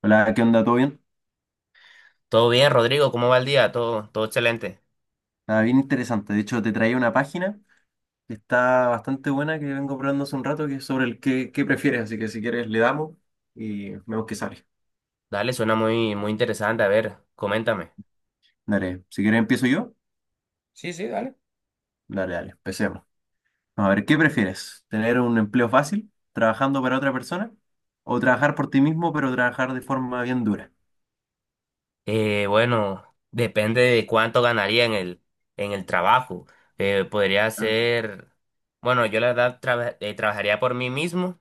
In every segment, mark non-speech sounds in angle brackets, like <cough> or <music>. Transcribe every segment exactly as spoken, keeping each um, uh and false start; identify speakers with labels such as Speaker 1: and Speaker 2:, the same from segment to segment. Speaker 1: Hola, ¿qué onda? ¿Todo bien?
Speaker 2: Todo bien, Rodrigo, ¿cómo va el día? Todo, todo excelente.
Speaker 1: Nada, bien interesante. De hecho, te traía una página que está bastante buena que vengo probando hace un rato, que es sobre el qué, qué prefieres. Así que si quieres le damos y vemos qué sale.
Speaker 2: Dale, suena muy, muy interesante. A ver, coméntame.
Speaker 1: Dale, si quieres empiezo yo.
Speaker 2: Sí, sí, dale.
Speaker 1: Dale, dale, empecemos. A ver, ¿qué prefieres? ¿Tener un empleo fácil trabajando para otra persona? ¿O trabajar por ti mismo pero trabajar de forma bien dura?
Speaker 2: Eh, bueno, depende de cuánto ganaría en el, en el trabajo. Eh, podría
Speaker 1: Ah,
Speaker 2: ser, bueno, yo la verdad traba- eh, trabajaría por mí mismo,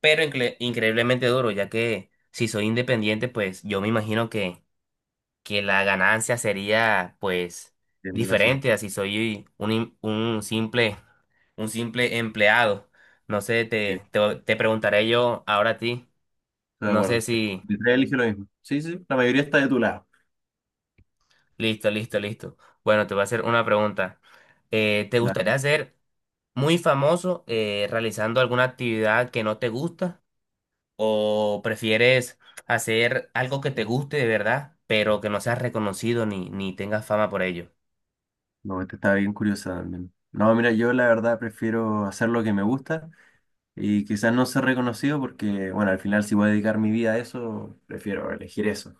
Speaker 2: pero incre- increíblemente duro, ya que si soy independiente, pues yo me imagino que, que la ganancia sería pues
Speaker 1: sí, me imagino.
Speaker 2: diferente a si soy un, im- un simple un simple empleado. No sé,
Speaker 1: Sí,
Speaker 2: te, te, te preguntaré yo ahora a ti.
Speaker 1: estoy de
Speaker 2: No sé
Speaker 1: acuerdo.
Speaker 2: si.
Speaker 1: De tres elige lo mismo. Sí, sí, sí, la mayoría está de tu lado.
Speaker 2: Listo, listo, listo. Bueno, te voy a hacer una pregunta. Eh, ¿te gustaría ser muy famoso eh, realizando alguna actividad que no te gusta? ¿O prefieres hacer algo que te guste de verdad, pero que no seas reconocido ni, ni tengas fama por ello?
Speaker 1: No, esta está bien curiosa también. No, mira, yo la verdad prefiero hacer lo que me gusta y quizás no ser reconocido porque, bueno, al final si voy a dedicar mi vida a eso, prefiero elegir eso.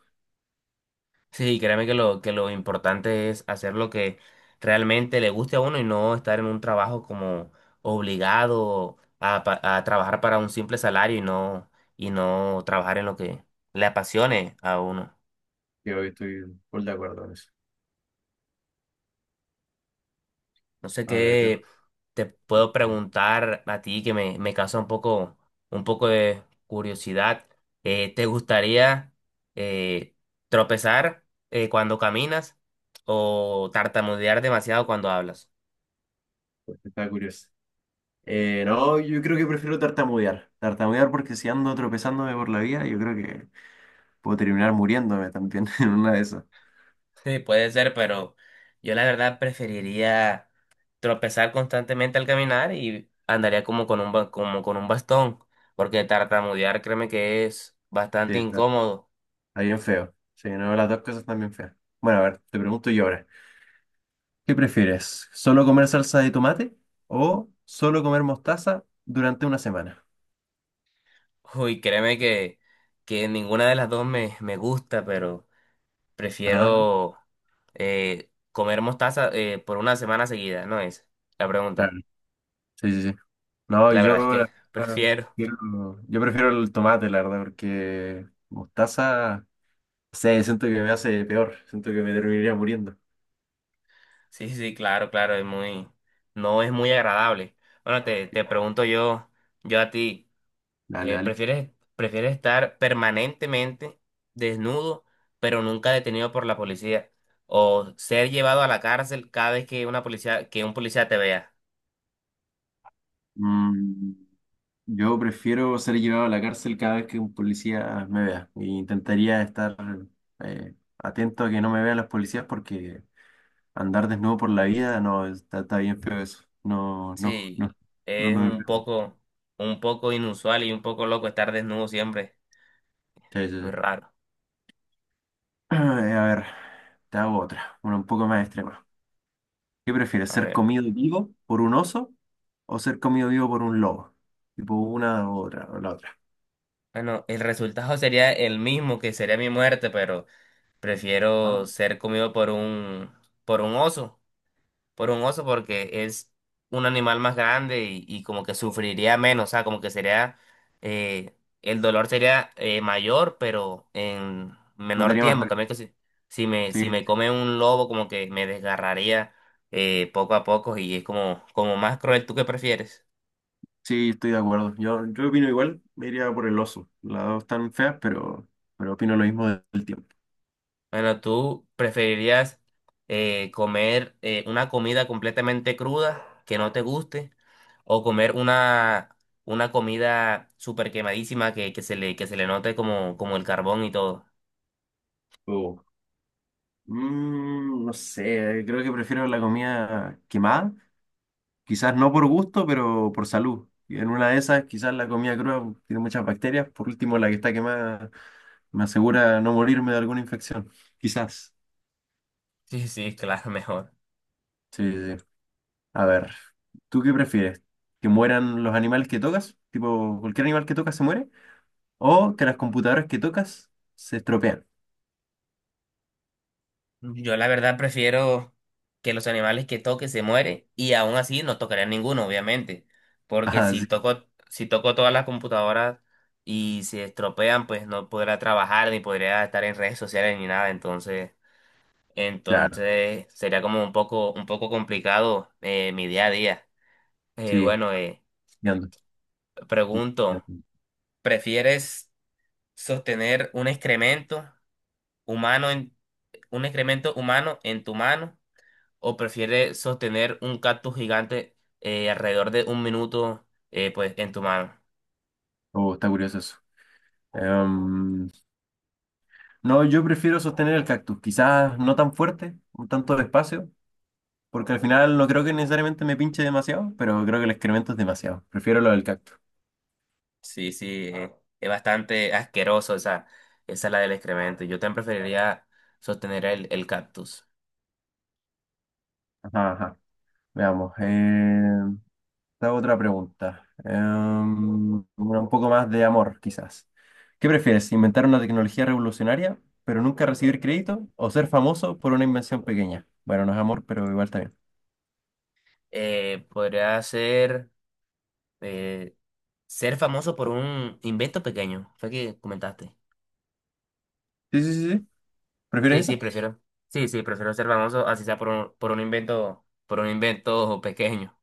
Speaker 2: Sí, créeme que lo, que lo importante es hacer lo que realmente le guste a uno y no estar en un trabajo como obligado a, pa- a trabajar para un simple salario y no, y no trabajar en lo que le apasione a uno.
Speaker 1: Yo estoy full de acuerdo con eso.
Speaker 2: No sé
Speaker 1: A ver, mira,
Speaker 2: qué te puedo preguntar a ti que me, me causa un poco, un poco de curiosidad. Eh, ¿te gustaría eh, tropezar eh, cuando caminas o tartamudear demasiado cuando hablas?
Speaker 1: pues, está curioso. Eh, no, yo creo que prefiero tartamudear. Tartamudear porque si ando tropezándome por la vida, yo creo que puedo terminar muriéndome también <laughs> en una de esas.
Speaker 2: Sí, puede ser, pero yo la verdad preferiría tropezar constantemente al caminar y andaría como con un, ba- como con un bastón, porque tartamudear créeme que es
Speaker 1: Sí,
Speaker 2: bastante
Speaker 1: está,
Speaker 2: incómodo.
Speaker 1: está bien feo. Sí, no, las dos cosas están bien feas. Bueno, a ver, te pregunto yo ahora. ¿Qué prefieres? ¿Solo comer salsa de tomate o solo comer mostaza durante una semana?
Speaker 2: Uy, créeme que, que ninguna de las dos me, me gusta, pero
Speaker 1: Ajá,
Speaker 2: prefiero eh, comer mostaza eh, por una semana seguida, ¿no es? La
Speaker 1: claro.
Speaker 2: pregunta.
Speaker 1: Sí, sí, sí. No,
Speaker 2: La verdad es
Speaker 1: yo,
Speaker 2: que
Speaker 1: la
Speaker 2: <laughs>
Speaker 1: verdad,
Speaker 2: prefiero.
Speaker 1: prefiero- yo prefiero el tomate, la verdad, porque mostaza, no sé, siento que me hace peor, siento que me terminaría muriendo.
Speaker 2: Sí, sí, claro, claro, es muy, no es muy agradable. Bueno, te, te pregunto yo, yo a ti.
Speaker 1: Dale,
Speaker 2: Eh,
Speaker 1: dale.
Speaker 2: prefieres, prefieres estar permanentemente desnudo, pero nunca detenido por la policía, o ser llevado a la cárcel cada vez que una policía, que un policía te vea.
Speaker 1: Mm, yo prefiero ser llevado a la cárcel cada vez que un policía me vea. E intentaría estar eh, atento a que no me vean los policías porque andar desnudo por la vida, no, está, está bien feo eso. No, no,
Speaker 2: Sí,
Speaker 1: no, no, no
Speaker 2: es
Speaker 1: me
Speaker 2: un
Speaker 1: pregunto.
Speaker 2: poco, un poco inusual y un poco loco estar desnudo siempre.
Speaker 1: Sí, sí,
Speaker 2: Muy
Speaker 1: sí.
Speaker 2: raro.
Speaker 1: <clears throat> Eh, A ver, te hago otra, una un poco más extrema. ¿Qué prefieres,
Speaker 2: A
Speaker 1: ser
Speaker 2: ver.
Speaker 1: comido vivo por un oso o ser comido vivo por un lobo? Tipo una u otra, o la otra.
Speaker 2: Bueno, el resultado sería el mismo que sería mi muerte, pero
Speaker 1: Ah,
Speaker 2: prefiero ser comido por un, por un oso. Por un oso porque es un animal más grande y, y como que sufriría menos, o sea, como que sería, eh, el dolor sería eh, mayor, pero en
Speaker 1: no te
Speaker 2: menor
Speaker 1: haría más
Speaker 2: tiempo. En
Speaker 1: rabia.
Speaker 2: cambio que si, si me, si
Speaker 1: Sí,
Speaker 2: me come un lobo, como que me desgarraría eh, poco a poco y es como, como más cruel. ¿Tú qué prefieres?
Speaker 1: sí, estoy de acuerdo. Yo, yo opino igual, me iría por el oso. Las dos están feas, pero, pero opino lo mismo del tiempo.
Speaker 2: Bueno, ¿tú preferirías eh, comer eh, una comida completamente cruda que no te guste o comer una, una comida súper quemadísima que, que se le, que se le note como, como el carbón y todo?
Speaker 1: Oh. Mm, no sé, creo que prefiero la comida quemada quizás no por gusto, pero por salud. Y en una de esas, quizás la comida cruda tiene muchas bacterias. Por último, la que está quemada me asegura no morirme de alguna infección. Quizás.
Speaker 2: Sí, sí, claro, <laughs> mejor.
Speaker 1: Sí, sí, sí. A ver, ¿tú qué prefieres? ¿Que mueran los animales que tocas? Tipo, cualquier animal que tocas se muere. ¿O que las computadoras que tocas se estropean? <laughs>
Speaker 2: Yo la verdad prefiero que los animales que toque se mueren y aún así no tocaría ninguno, obviamente, porque
Speaker 1: Ah,
Speaker 2: si
Speaker 1: sí,
Speaker 2: toco, si toco todas las computadoras y se estropean, pues no podrá trabajar ni podría estar en redes sociales ni nada, entonces.
Speaker 1: claro.
Speaker 2: Entonces sería como un poco, un poco complicado eh, mi día a día. Eh,
Speaker 1: Sí,
Speaker 2: bueno, eh,
Speaker 1: ya ando. Ya
Speaker 2: Pregunto,
Speaker 1: ando.
Speaker 2: ¿prefieres sostener un excremento humano en, un excremento humano en tu mano o prefieres sostener un cactus gigante eh, alrededor de un minuto eh, pues en tu mano?
Speaker 1: Oh, está curioso eso. Em, no, yo prefiero sostener el cactus. Quizás no tan fuerte, un tanto despacio. Porque al final no creo que necesariamente me pinche demasiado, pero creo que el excremento es demasiado. Prefiero lo del cactus.
Speaker 2: Sí, sí, eh, es bastante asqueroso esa, esa es la del excremento. Yo también preferiría sostener el, el cactus.
Speaker 1: Ajá, ajá. Veamos. Eh, te hago otra pregunta. Em, una un poco más de amor, quizás. ¿Qué prefieres? ¿Inventar una tecnología revolucionaria, pero nunca recibir crédito? ¿O ser famoso por una invención pequeña? Bueno, no es amor, pero igual está bien.
Speaker 2: Eh, podría ser eh, Ser famoso por un invento pequeño, fue que comentaste.
Speaker 1: Sí, sí, sí, sí. ¿Prefieres
Speaker 2: Sí, sí,
Speaker 1: eso?
Speaker 2: prefiero. Sí, sí, prefiero ser famoso, así sea por un, por un invento, por un invento pequeño.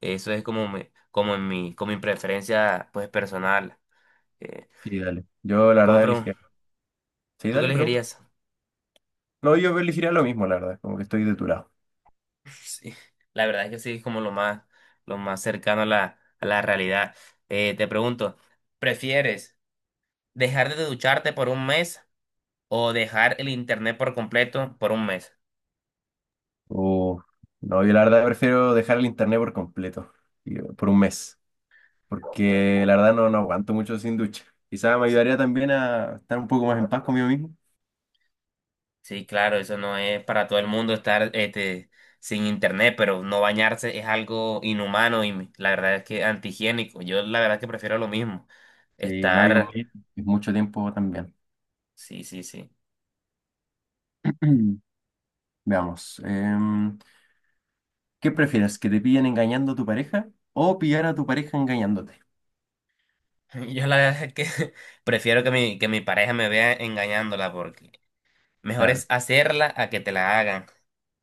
Speaker 2: Eso es como mi, como en mi, como mi preferencia, pues, personal. Eh,
Speaker 1: Sí, dale. Yo la
Speaker 2: Puedo
Speaker 1: verdad elegiría.
Speaker 2: preguntar,
Speaker 1: Sí,
Speaker 2: ¿tú qué
Speaker 1: dale, pregunta.
Speaker 2: elegirías? <laughs>
Speaker 1: No, yo elegiría lo mismo, la verdad. Como que estoy de tu lado.
Speaker 2: Sí, la verdad es que sí, es como lo más, lo más cercano a la, a la realidad. Eh, te pregunto, ¿prefieres dejar de ducharte por un mes o dejar el internet por completo por un mes?
Speaker 1: Uf, no, yo la verdad prefiero dejar el internet por completo, y- eh, por un mes, porque la verdad no, no aguanto mucho sin ducha. Quizás me ayudaría también a estar un poco más en paz conmigo mismo.
Speaker 2: Sí, claro, eso no es para todo el mundo estar este, sin internet, pero no bañarse es algo inhumano y me- la verdad es que antihigiénico. Yo la verdad es que prefiero lo mismo.
Speaker 1: Sí, no hay un
Speaker 2: Estar,
Speaker 1: mes, es mucho tiempo también.
Speaker 2: sí, sí, sí.
Speaker 1: <clears throat> Veamos, em, ¿qué prefieres? ¿Que te pillen engañando a tu pareja o pillar a tu pareja engañándote?
Speaker 2: <laughs> Yo la verdad es que <laughs> prefiero que mi, que mi pareja me vea engañándola porque mejor es
Speaker 1: Claro,
Speaker 2: hacerla a que te la hagan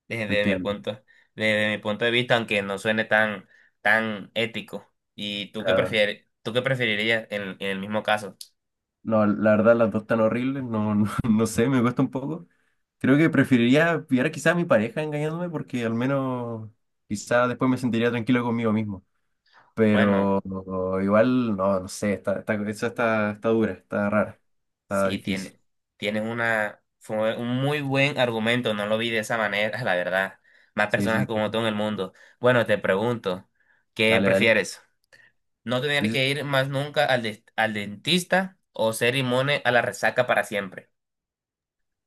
Speaker 2: desde mi
Speaker 1: entiendo.
Speaker 2: punto, desde mi punto de vista, aunque no suene tan, tan ético. ¿Y tú qué
Speaker 1: Claro.
Speaker 2: prefieres, tú qué preferirías en, en el mismo caso?
Speaker 1: No, la verdad las dos están horribles, no, no, <laughs> no sé, me cuesta un poco. Creo que preferiría pillar quizá a mi pareja engañándome porque al menos quizá después me sentiría tranquilo conmigo mismo.
Speaker 2: Bueno.
Speaker 1: Pero igual, no, no sé, está, está, esa está, está dura, está rara, está
Speaker 2: Sí,
Speaker 1: difícil.
Speaker 2: tiene, tienes una, fue un muy buen argumento, no lo vi de esa manera, <laughs> la verdad. Más
Speaker 1: Sí,
Speaker 2: personas
Speaker 1: sí,
Speaker 2: como tú en el mundo. Bueno, te pregunto, ¿qué
Speaker 1: dale, dale.
Speaker 2: prefieres? ¿No
Speaker 1: Sí,
Speaker 2: tener
Speaker 1: sí.
Speaker 2: que ir más nunca al, des- al dentista o ser inmune a la resaca para siempre?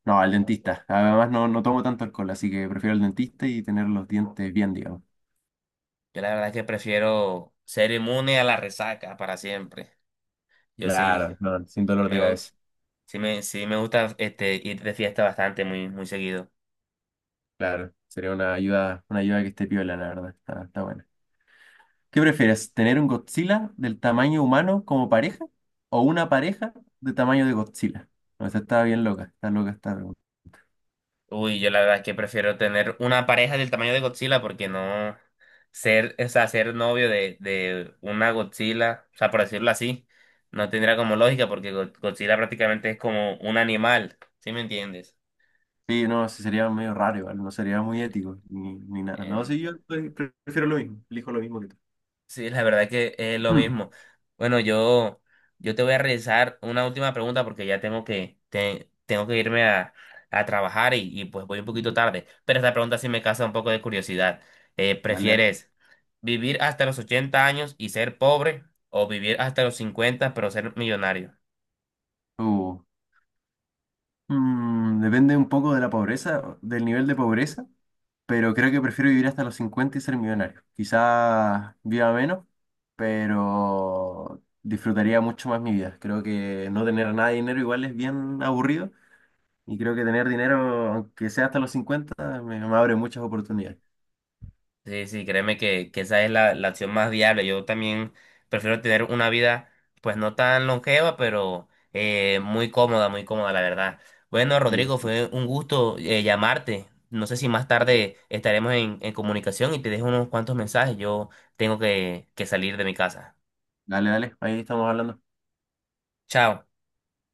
Speaker 1: No, al dentista. Además no, no tomo tanto alcohol, así que prefiero al dentista y tener los dientes bien, digamos.
Speaker 2: Yo la verdad que prefiero ser inmune a la resaca para siempre. Yo sí,
Speaker 1: Claro, no, sin
Speaker 2: sí
Speaker 1: dolor de
Speaker 2: me, gu-
Speaker 1: cabeza.
Speaker 2: sí me, sí me gusta este, ir de fiesta bastante, muy, muy seguido.
Speaker 1: Claro, sería una ayuda, una ayuda que esté piola, la verdad. Está, está bueno. ¿Qué prefieres? ¿Tener un Godzilla del tamaño humano como pareja o una pareja de tamaño de Godzilla? No, esta está bien loca, está loca esta pregunta.
Speaker 2: Uy, yo la verdad es que prefiero tener una pareja del tamaño de Godzilla porque no ser, o sea, ser novio de, de una Godzilla, o sea, por decirlo así, no tendría como lógica porque Go- Godzilla prácticamente es como un animal, ¿sí me entiendes?
Speaker 1: Sí, no, sí sería medio raro igual, no sería muy ético ni, ni nada. No, sí, yo pre- prefiero lo mismo, elijo lo mismo que tú.
Speaker 2: Sí, la verdad que es lo
Speaker 1: Mm.
Speaker 2: mismo. Bueno, yo, yo te voy a realizar una última pregunta porque ya tengo que, te- tengo que irme a, a trabajar y, y pues voy un poquito tarde. Pero esta pregunta sí me causa un poco de curiosidad. Eh,
Speaker 1: Dale, dale.
Speaker 2: ¿prefieres vivir hasta los ochenta años y ser pobre o vivir hasta los cincuenta pero ser millonario?
Speaker 1: Uh, mm, depende un poco de la pobreza, del nivel de pobreza, pero creo que prefiero vivir hasta los cincuenta y ser millonario. Quizás viva menos, pero disfrutaría mucho más mi vida. Creo que no tener nada de dinero igual es bien aburrido y creo que tener dinero, aunque sea hasta los cincuenta me, me abre muchas oportunidades.
Speaker 2: Sí, sí, créeme que, que esa es la, la opción más viable. Yo también prefiero tener una vida, pues no tan longeva, pero eh, muy cómoda, muy cómoda, la verdad. Bueno,
Speaker 1: Y
Speaker 2: Rodrigo, fue un gusto eh, llamarte. No sé si más tarde estaremos en, en comunicación y te dejo unos cuantos mensajes. Yo tengo que, que salir de mi casa.
Speaker 1: dale, dale, ahí estamos hablando.
Speaker 2: Chao.